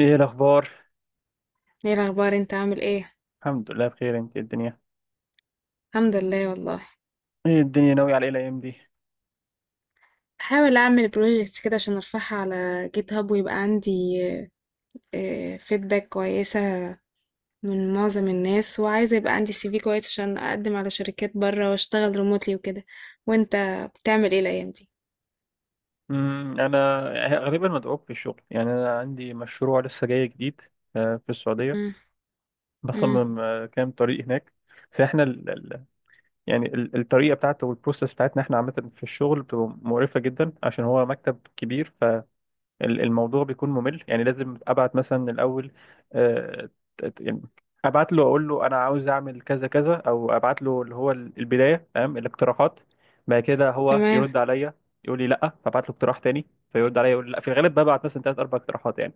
ايه الاخبار؟ ايه الاخبار؟ انت عامل ايه؟ الحمد لله بخير. انت إيه الدنيا؟ الحمد لله والله. ايه الدنيا، ناوي على ايه الايام دي؟ بحاول اعمل بروجيكتس كده عشان ارفعها على جيت هاب، ويبقى عندي فيدباك كويسه من معظم الناس، وعايزه يبقى عندي سي في كويس عشان اقدم على شركات بره واشتغل ريموتلي وكده. وانت بتعمل ايه الايام دي؟ انا غالبا مدعوك في الشغل، يعني انا عندي مشروع لسه جاي جديد. في السعوديه. مم. مم. بصمم كام طريق هناك. بس احنا يعني الطريقه بتاعته والبروسيس بتاعتنا احنا عامه في الشغل بتبقى مقرفه جدا، عشان هو مكتب كبير. الموضوع بيكون ممل، يعني لازم ابعت مثلا الاول آه، يعني ابعت له اقول له انا عاوز اعمل كذا كذا، او ابعت له اللي هو البدايه تمام الاقتراحات. بعد كده هو تمام. يرد عليا يقول لي لا، فابعت له اقتراح تاني. فيرد عليا يقول لي لا. في الغالب ببعت مثلا ثلاث اربع اقتراحات يعني.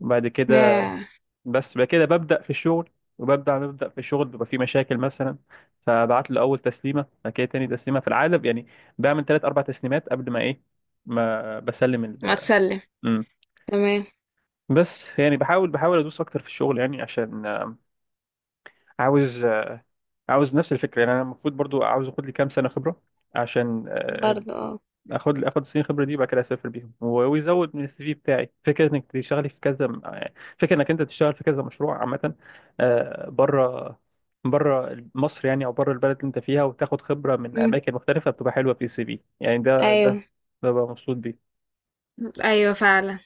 وبعد كده، يا. بس بعد كده ببدا في الشغل. وببدا في الشغل بيبقى في مشاكل مثلا. فبعت له اول تسليمه، بعد كده تاني تسليمه في العالم يعني. بعمل ثلاث اربع تسليمات قبل ما ايه، ما بسلم ما تسلم. ال تمام. بس. يعني بحاول ادوس اكتر في الشغل، يعني عشان عاوز عاوز نفس الفكره. يعني انا المفروض برضو عاوز اخد لي كام سنه خبره عشان برضه اه. اخد سنين خبره دي وبعد كده اسافر بيهم ويزود من السي في بتاعي، فكره انك تشتغلي في كذا فكره انك انت تشتغل في كذا مشروع عامه. بره، بره مصر يعني، او بره البلد اللي انت فيها، وتاخد خبره من مم. اماكن مختلفه بتبقى حلوه في السي في يعني. ده ايوه. ده بقى مبسوط بيه. ايوه فعلا.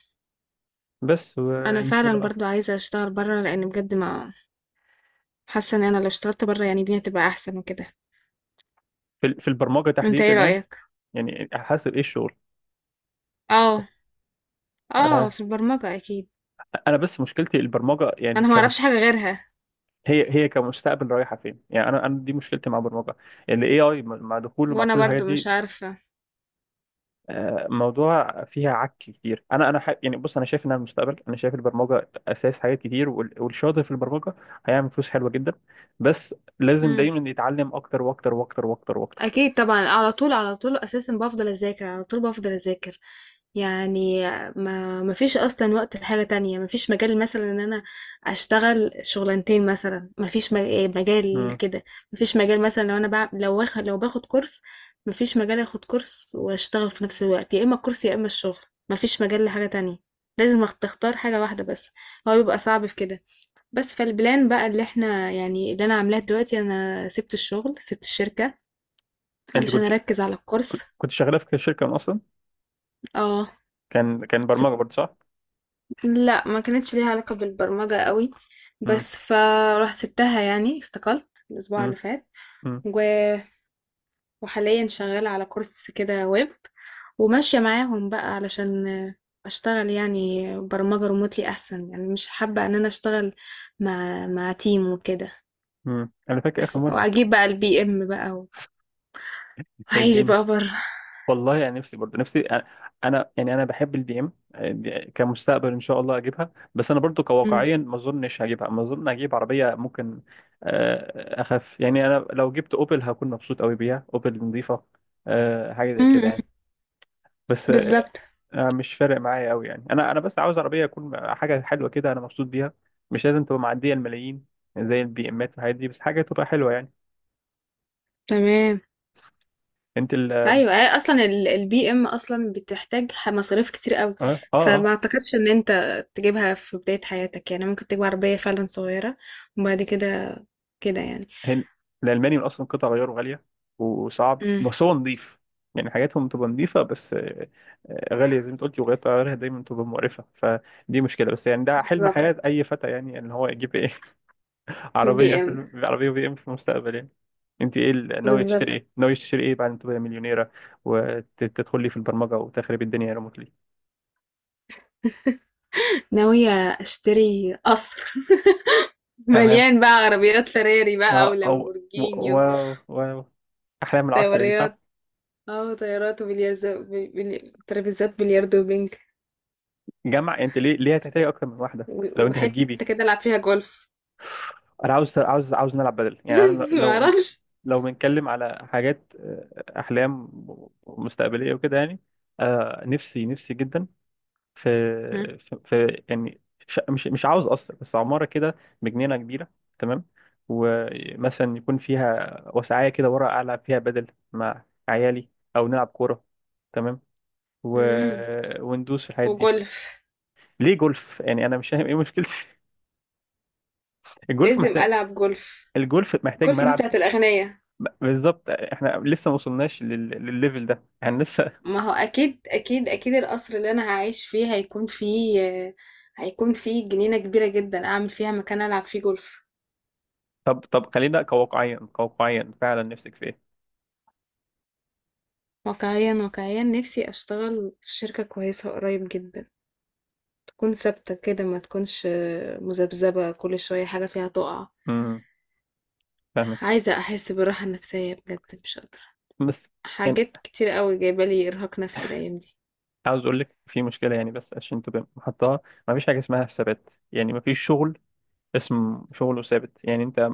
بس انا وان شاء فعلا الله. برضو عايزه اشتغل بره، لان بجد ما حاسه ان انا لو اشتغلت بره يعني الدنيا تبقى احسن وكده. في في البرمجه انت تحديدا ايه يعني؟ رأيك؟ يعني حسب ايه الشغل. اه. اه، آه، في البرمجة اكيد. انا بس مشكلتي البرمجه، يعني انا ما اعرفش حاجة غيرها. هي كمستقبل رايحه فين يعني. انا دي مشكلتي مع البرمجه. الاي اي مع دخوله مع وانا كل الحاجات برضو دي. مش عارفة. موضوع فيها عك كتير. يعني بص انا شايف انها المستقبل، انا شايف البرمجه اساس حاجات كتير، والشاطر في البرمجه هيعمل فلوس حلوه جدا. بس لازم دايما يتعلم اكتر واكتر واكتر واكتر واكتر. اكيد طبعا. على طول على طول، اساسا بفضل اذاكر على طول بفضل اذاكر يعني. ما فيش اصلا وقت لحاجه تانية. ما فيش مجال مثلا ان انا اشتغل شغلانتين مثلا، ما فيش مجال مم. كده. ما فيش مجال مثلا لو انا لو باخد كورس، ما فيش مجال اخد كورس واشتغل في نفس الوقت، يا اما الكورس يا اما الشغل. ما فيش مجال لحاجه تانية. لازم تختار حاجة واحدة بس. هو بيبقى صعب في كده. بس فالبلان بقى اللي احنا يعني اللي انا عاملاه دلوقتي، انا سبت الشغل، سبت الشركة انت علشان كنت ش... اركز على كنت الكورس. كنت شغاله في شركه من اصلا؟ اه. كان سب... برمجه برضه صح؟ لا، ما كانتش ليها علاقة بالبرمجة قوي. امم. بس فراح سبتها، يعني استقلت الاسبوع اللي امم. فات. و... وحاليا شغالة على كورس كده ويب، وماشية معاهم بقى علشان اشتغل يعني برمجة ريموتلي احسن. يعني مش حابة ان انا اشتغل مع تيم وكده. امم، انا فاكر اخر بس مره. واجيب بقى البي ام بقى وعيش اديني. بقى بره. والله يعني نفسي برضه، نفسي انا. يعني انا بحب البي ام كمستقبل ان شاء الله اجيبها، بس انا برضه مم. كواقعيا ما اظنش هجيبها. ما اظن، اجيب عربيه ممكن، اخف يعني. انا لو جبت اوبل هكون مبسوط قوي بيها، اوبل نظيفه. حاجه زي كده مم. يعني. بس بالظبط. مش فارق معايا قوي يعني. انا بس عاوز عربيه تكون حاجه حلوه كده انا مبسوط بيها. مش لازم تبقى معديه الملايين زي البي امات والحاجات دي، بس حاجه تبقى حلوه يعني. تمام. انت ال اه ايوه، هي اصلا البي ام اصلا بتحتاج مصاريف كتير قوي، اه فما اعتقدش ان انت تجيبها في بداية حياتك. يعني ممكن تجيب عربية فعلا صغيرة، وبعد كده كده يعني. هن الالماني من اصلا قطع غياره غاليه وصعب، امم. بس هو نظيف. يعني حاجاتهم تبقى نظيفه، بس غاليه زي ما انت قلتي، وغيرت غيرها دايما تبقى مقرفه، فدي مشكله. بس يعني ده حلم بالظبط. حياه اي فتى يعني، ان هو يجيب ايه عربيه البي ام. عربيه بي ام في المستقبل يعني. انت ايه ناويه بالظبط. تشتري ايه؟ ناويه تشتري ايه بعد ما تبقى مليونيره وتدخلي في البرمجه وتخربي الدنيا ريموتلي؟ ناوية اشتري قصر تمام. مليان بقى عربيات فراري بقى اه، او، ولامبورجيني. واو، واو، احلام العصر دي صح؟ وطيارات. اه، طيارات وبلياردو. ترابيزات بلياردو وبنج. جمع. انت ليه ليه هتحتاجي اكتر من واحده لو انت هتجيبي؟ وحتة كده العب فيها جولف. انا عاوز عاوز نلعب بدل يعني. انا لو، معرفش. لو بنتكلم على حاجات احلام مستقبليه وكده يعني. نفسي نفسي جدا في، في يعني، مش عاوز قصر بس عماره كده بجنينه كبيره. تمام. ومثلا يكون فيها وسعايه كده ورا العب فيها بدل مع عيالي، او نلعب كوره. تمام. و... مم. وندوس في الحاجات دي. وجولف. ليه جولف يعني؟ انا مش فاهم ايه مشكلتي الجولف لازم محتاج ألعب جولف. الجولف محتاج جولف دي ملعب. بتاعت الأغنياء. بالظبط، احنا لسه ما وصلناش للليفل ده يعني لسه. ما هو أكيد أكيد أكيد، القصر اللي أنا هعيش فيه هيكون فيه، هيكون فيه جنينة كبيرة جدا أعمل فيها مكان ألعب فيه جولف. طب خلينا كواقعيا، كواقعيا فعلا، نفسك في ايه؟ واقعيا واقعيا نفسي أشتغل في شركة كويسة قريب جدا، تكون ثابتة كده، ما تكونش مذبذبة كل شوية حاجة فيها تقع. امم، فاهمك. عايزة أحس بالراحة النفسية، بجد مش قادرة. بس يعني حاجات كتير قوي جايبالي إرهاق نفسي الأيام دي. عاوز اقول لك في مشكله يعني، بس عشان تبقى محطها. ما فيش حاجه اسمها ثبات يعني. ما فيش شغل اسم شغله ثابت يعني. انت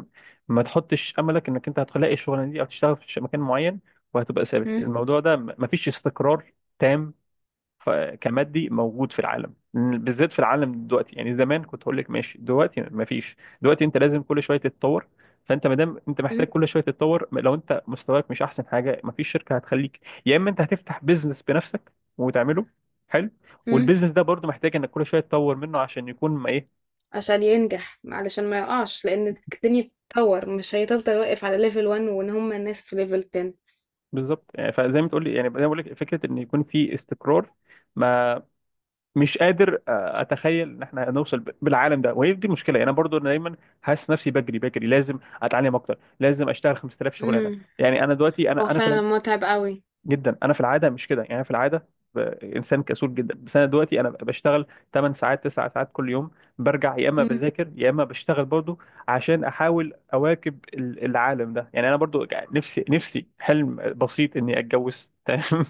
ما تحطش املك انك انت هتلاقي الشغلانه دي او تشتغل في مكان معين وهتبقى ثابت. مم، الموضوع ده ما فيش استقرار. تام. ف- كمادي موجود في العالم، بالذات في العالم دلوقتي يعني. زمان كنت هقول لك ماشي، دلوقتي مفيش. دلوقتي انت لازم كل شويه تتطور. فانت ما دام انت مم، محتاج كل شويه تتطور، لو انت مستواك مش احسن حاجه مفيش شركه هتخليك. يا اما انت هتفتح بيزنس بنفسك وتعمله حلو. مم. والبيزنس ده برضو محتاج انك كل شويه تطور منه عشان يكون ما ايه. عشان ينجح، علشان ما يقعش، لان الدنيا بتتطور، مش هيفضل واقف على ليفل 1 وان هم الناس في ليفل 10. بالظبط يعني. فزي ما تقول لي يعني، زي ما بقول لك، فكره ان يكون في استقرار، ما مش قادر اتخيل ان احنا هنوصل بالعالم ده، وهي دي المشكله. انا برضو انا دايما حاسس نفسي بجري بجري. لازم اتعلم اكتر، لازم اشتغل 5000 شغلانه امم. يعني. انا دلوقتي هو انا فعلا متعب قوي. جدا. انا في العاده مش كده يعني. أنا في العاده ب- انسان كسول جدا. بس انا دلوقتي انا بشتغل 8 ساعات، 9 ساعات كل يوم، برجع يا اما امم. بذاكر يا اما بشتغل برضو عشان احاول اواكب العالم ده يعني. انا برضو يعني نفسي نفسي حلم بسيط اني اتجوز تمام.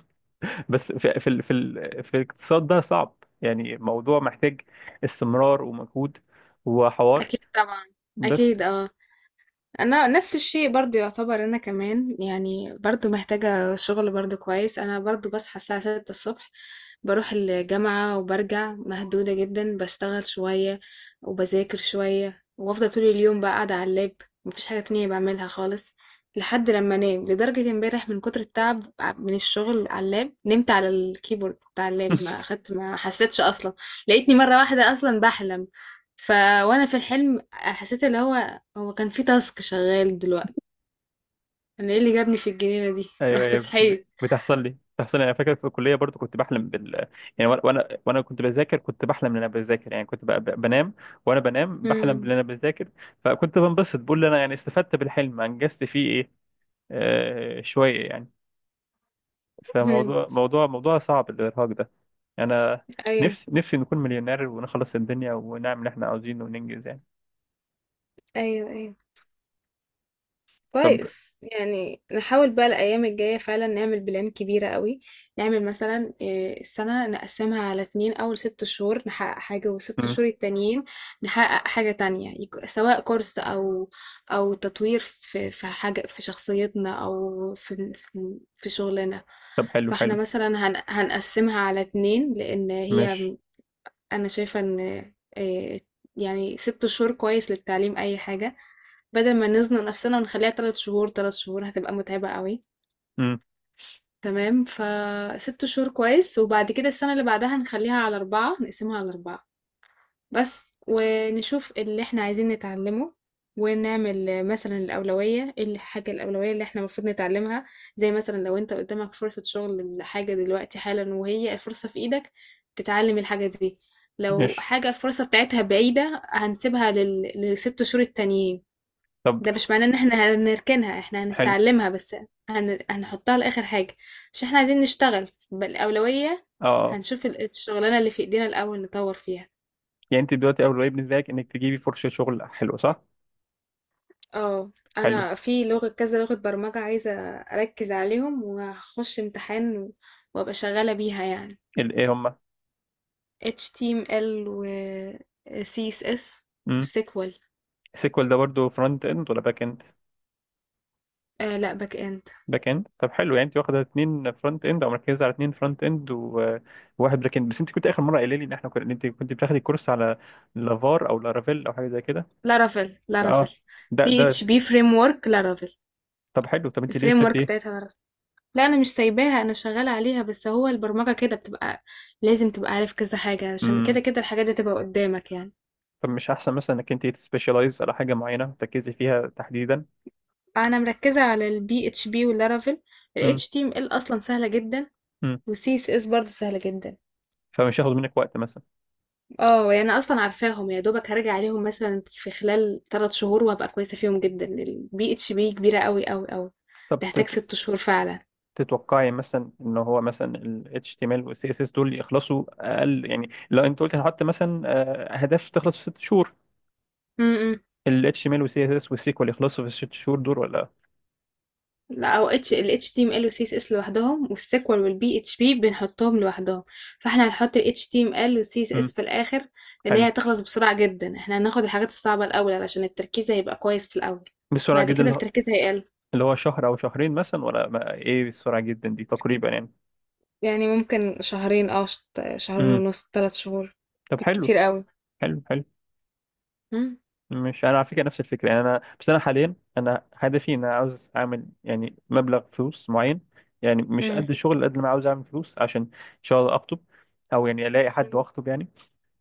بس في في الاقتصاد ده صعب يعني. موضوع محتاج استمرار ومجهود وحوار اكيد طبعا. بس اكيد اه. انا نفس الشيء برضو يعتبر، انا كمان يعني برضو محتاجة شغل برضو كويس. انا برضو بصحى الساعة 6 الصبح، بروح الجامعة وبرجع مهدودة جدا. بشتغل شوية وبذاكر شوية وافضل طول اليوم بقى قاعدة على اللاب. مفيش حاجة تانية بعملها خالص لحد لما انام. لدرجة امبارح من كتر التعب من الشغل على اللاب، نمت على الكيبورد بتاع اللاب، ما اخدت ما حسيتش اصلا. لقيتني مرة واحدة اصلا بحلم. ف وانا في الحلم حسيت اللي هو كان في تاسك شغال دلوقتي. انا ايه اللي جابني في الجنينة دي؟ ايوه، رحت أيوة. صحيت. بتحصل لي، انا فاكر في الكليه برضو كنت بحلم بال يعني. وانا وأنا كنت بذاكر، كنت بحلم ان انا بذاكر يعني. كنت بنام، وانا بنام بحلم ان امم. انا بذاكر. فكنت بنبسط، بقول انا يعني استفدت بالحلم، انجزت فيه ايه؟ آه شويه يعني. أمم. فموضوع موضوع موضوع صعب الارهاق ده. انا ايوه، نفسي نفسي نكون مليونير ونخلص الدنيا ونعمل اللي احنا عاوزينه وننجز يعني. ايوه، ايوه، طب. كويس. يعني نحاول بقى الايام الجايه فعلا نعمل بلان كبيره قوي. نعمل مثلا السنه نقسمها على اتنين، اول 6 شهور نحقق حاجه، والست مم. شهور التانيين نحقق حاجه تانية، سواء كورس او تطوير في حاجه في شخصيتنا، او في شغلنا. طب حلو فاحنا حلو. مثلا هنقسمها على اتنين، لان هي، ماشي. أنا شايفة إن، آآ يعني 6 شهور كويس للتعليم أي حاجة، بدل ما نزنق نفسنا ونخلّيها 3 شهور، 3 شهور هتبقى متعبة أوي، مم. تمام؟ ف6 شهور كويس، وبعد كده السنة اللي بعدها نخلّيها على 4، نقسمها على 4. بس ونشوف اللي إحنا عايزين نتعلمه، ونعمل مثلا الأولوية، إيه الحاجة الأولوية اللي إحنا المفروض نتعلمها. زي مثلا لو أنت قدامك فرصة شغل لحاجة دلوقتي حالا، وهي الفرصة في إيدك، تتعلم الحاجة دي. لو ماشي. حاجة الفرصة بتاعتها بعيدة، هنسيبها للست شهور التانيين. طب ده مش معناه إن إحنا هنركنها، إحنا حلو. هنستعلمها بس، هنحطها لآخر حاجة، عشان إحنا عايزين نشتغل بالأولوية. اه. هنشوف الشغلانة اللي في إيدينا الأول نطور فيها. يعني انت دلوقتي اول واجب بالنسبه لك انك تجيبي فرصه شغل، حلو صح؟ آه، حلو. أنا في لغة كذا لغة برمجة عايزة أركز عليهم، وهاخش امتحان وأبقى شغالة بيها يعني. ايه هما؟ HTML و CSS و امم. SQL. السيكوال ده برضو فرونت اند ولا باك اند؟ آه لا، باك إند. باك اند، طب حلو. يعني انت واخده اتنين فرونت اند او مركزه على اتنين فرونت اند وواحد باك اند بس. انت كنت اخر مره قايله لي ان احنا كنا، إن انت كنت بتاخدي كورس على لافار او لارافيل او حاجه زي كده. لارافيل، لارافيل. اه. ده PHP framework، لارافيل. طب حلو. طب انت ليه الفريم سبت ورك ايه؟ بتاعتها لارافيل. لا، أنا مش سايباها، أنا شغالة عليها. بس هو البرمجة كده بتبقى لازم تبقى عارف كذا حاجة، عشان كده امم. كده الحاجات دي تبقى قدامك يعني. طب مش احسن مثلا انك انت تسبيشالايز على حاجه معينه تركزي فيها تحديدا؟ أنا مركزة على ال PHP واللارافيل. ال امم. HTML أصلا سهلة جدا، امم. والسي اس اس برضه سهلة جدا. فمش هياخد منك وقت مثلا. اه، يعني انا اصلا عارفاهم. يا دوبك هرجع عليهم مثلا في خلال 3 شهور، وهبقى كويسة فيهم جدا. البي اتش بي كبيرة قوي قوي قوي، طب تحتاج 6 شهور فعلا. تتوقعي مثلا ان هو مثلا ال HTML وال CSS دول يخلصوا اقل؟ يعني لو انت قلت هحط مثلا اهداف تخلص في 6 شهور، امم. ال HTML وال CSS وال SQL يخلصوا في الست شهور دول ولا؟ لا، او اتش ال اتش تي ام ال والسي اس اس لوحدهم، والسيكوال والبي اتش بي بنحطهم لوحدهم. فاحنا هنحط ال اتش تي ام ال والسي اس امم. اس في الاخر، لان هي حلو. هتخلص بسرعة جدا. احنا هناخد الحاجات الصعبة الاول علشان التركيز هيبقى كويس في الاول، بسرعه بعد جدا كده اللي هو، التركيز هيقل. اللي هو شهر او شهرين مثلا ولا ايه السرعه جدا دي تقريبا يعني؟ يعني ممكن شهرين، اه، شهرين امم. ونص، 3 شهور طب حلو بالكتير قوي. حلو حلو. مم. مش انا على فكره نفس الفكره يعني. انا بس انا حاليا انا هدفي ان انا عاوز اعمل يعني مبلغ فلوس معين. يعني مش مم. قد الشغل قد ما أنا عاوز اعمل فلوس عشان ان شاء الله اخطب، او يعني الاقي حد مم. واخطب يعني.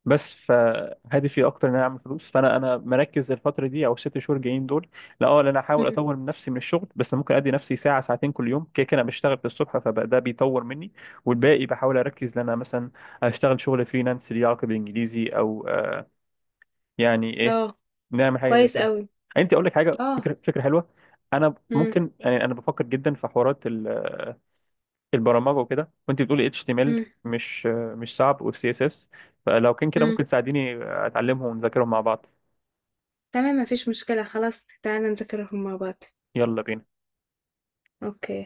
بس فهدفي اكتر ان انا اعمل فلوس. فانا انا مركز الفتره دي، او الست شهور جايين دول، لا اه لا انا احاول مم. اطور من نفسي من الشغل. بس ممكن ادي نفسي ساعه ساعتين كل يوم، كده كده أنا بشتغل في الصبح فده بيطور مني. والباقي بحاول اركز ان انا مثلا اشتغل شغل فريلانس ليه علاقه بالانجليزي، او يعني ايه، اه، نعمل حاجه زي كويس كده. قوي. انت اقول لك حاجه، اه. فكره فكره حلوه. انا مم. ممكن يعني انا بفكر جدا في حوارات البرمجه وكده، وانت بتقولي اتش تي ام ال مم. مش مش صعب والسي اس اس. فلو كان كده مم. ممكن تساعديني اتعلمهم ونذاكرهم مع بعض. تمام، مفيش مشكلة، خلاص تعالى نذاكرهم مع بعض. يلا بينا. اوكي.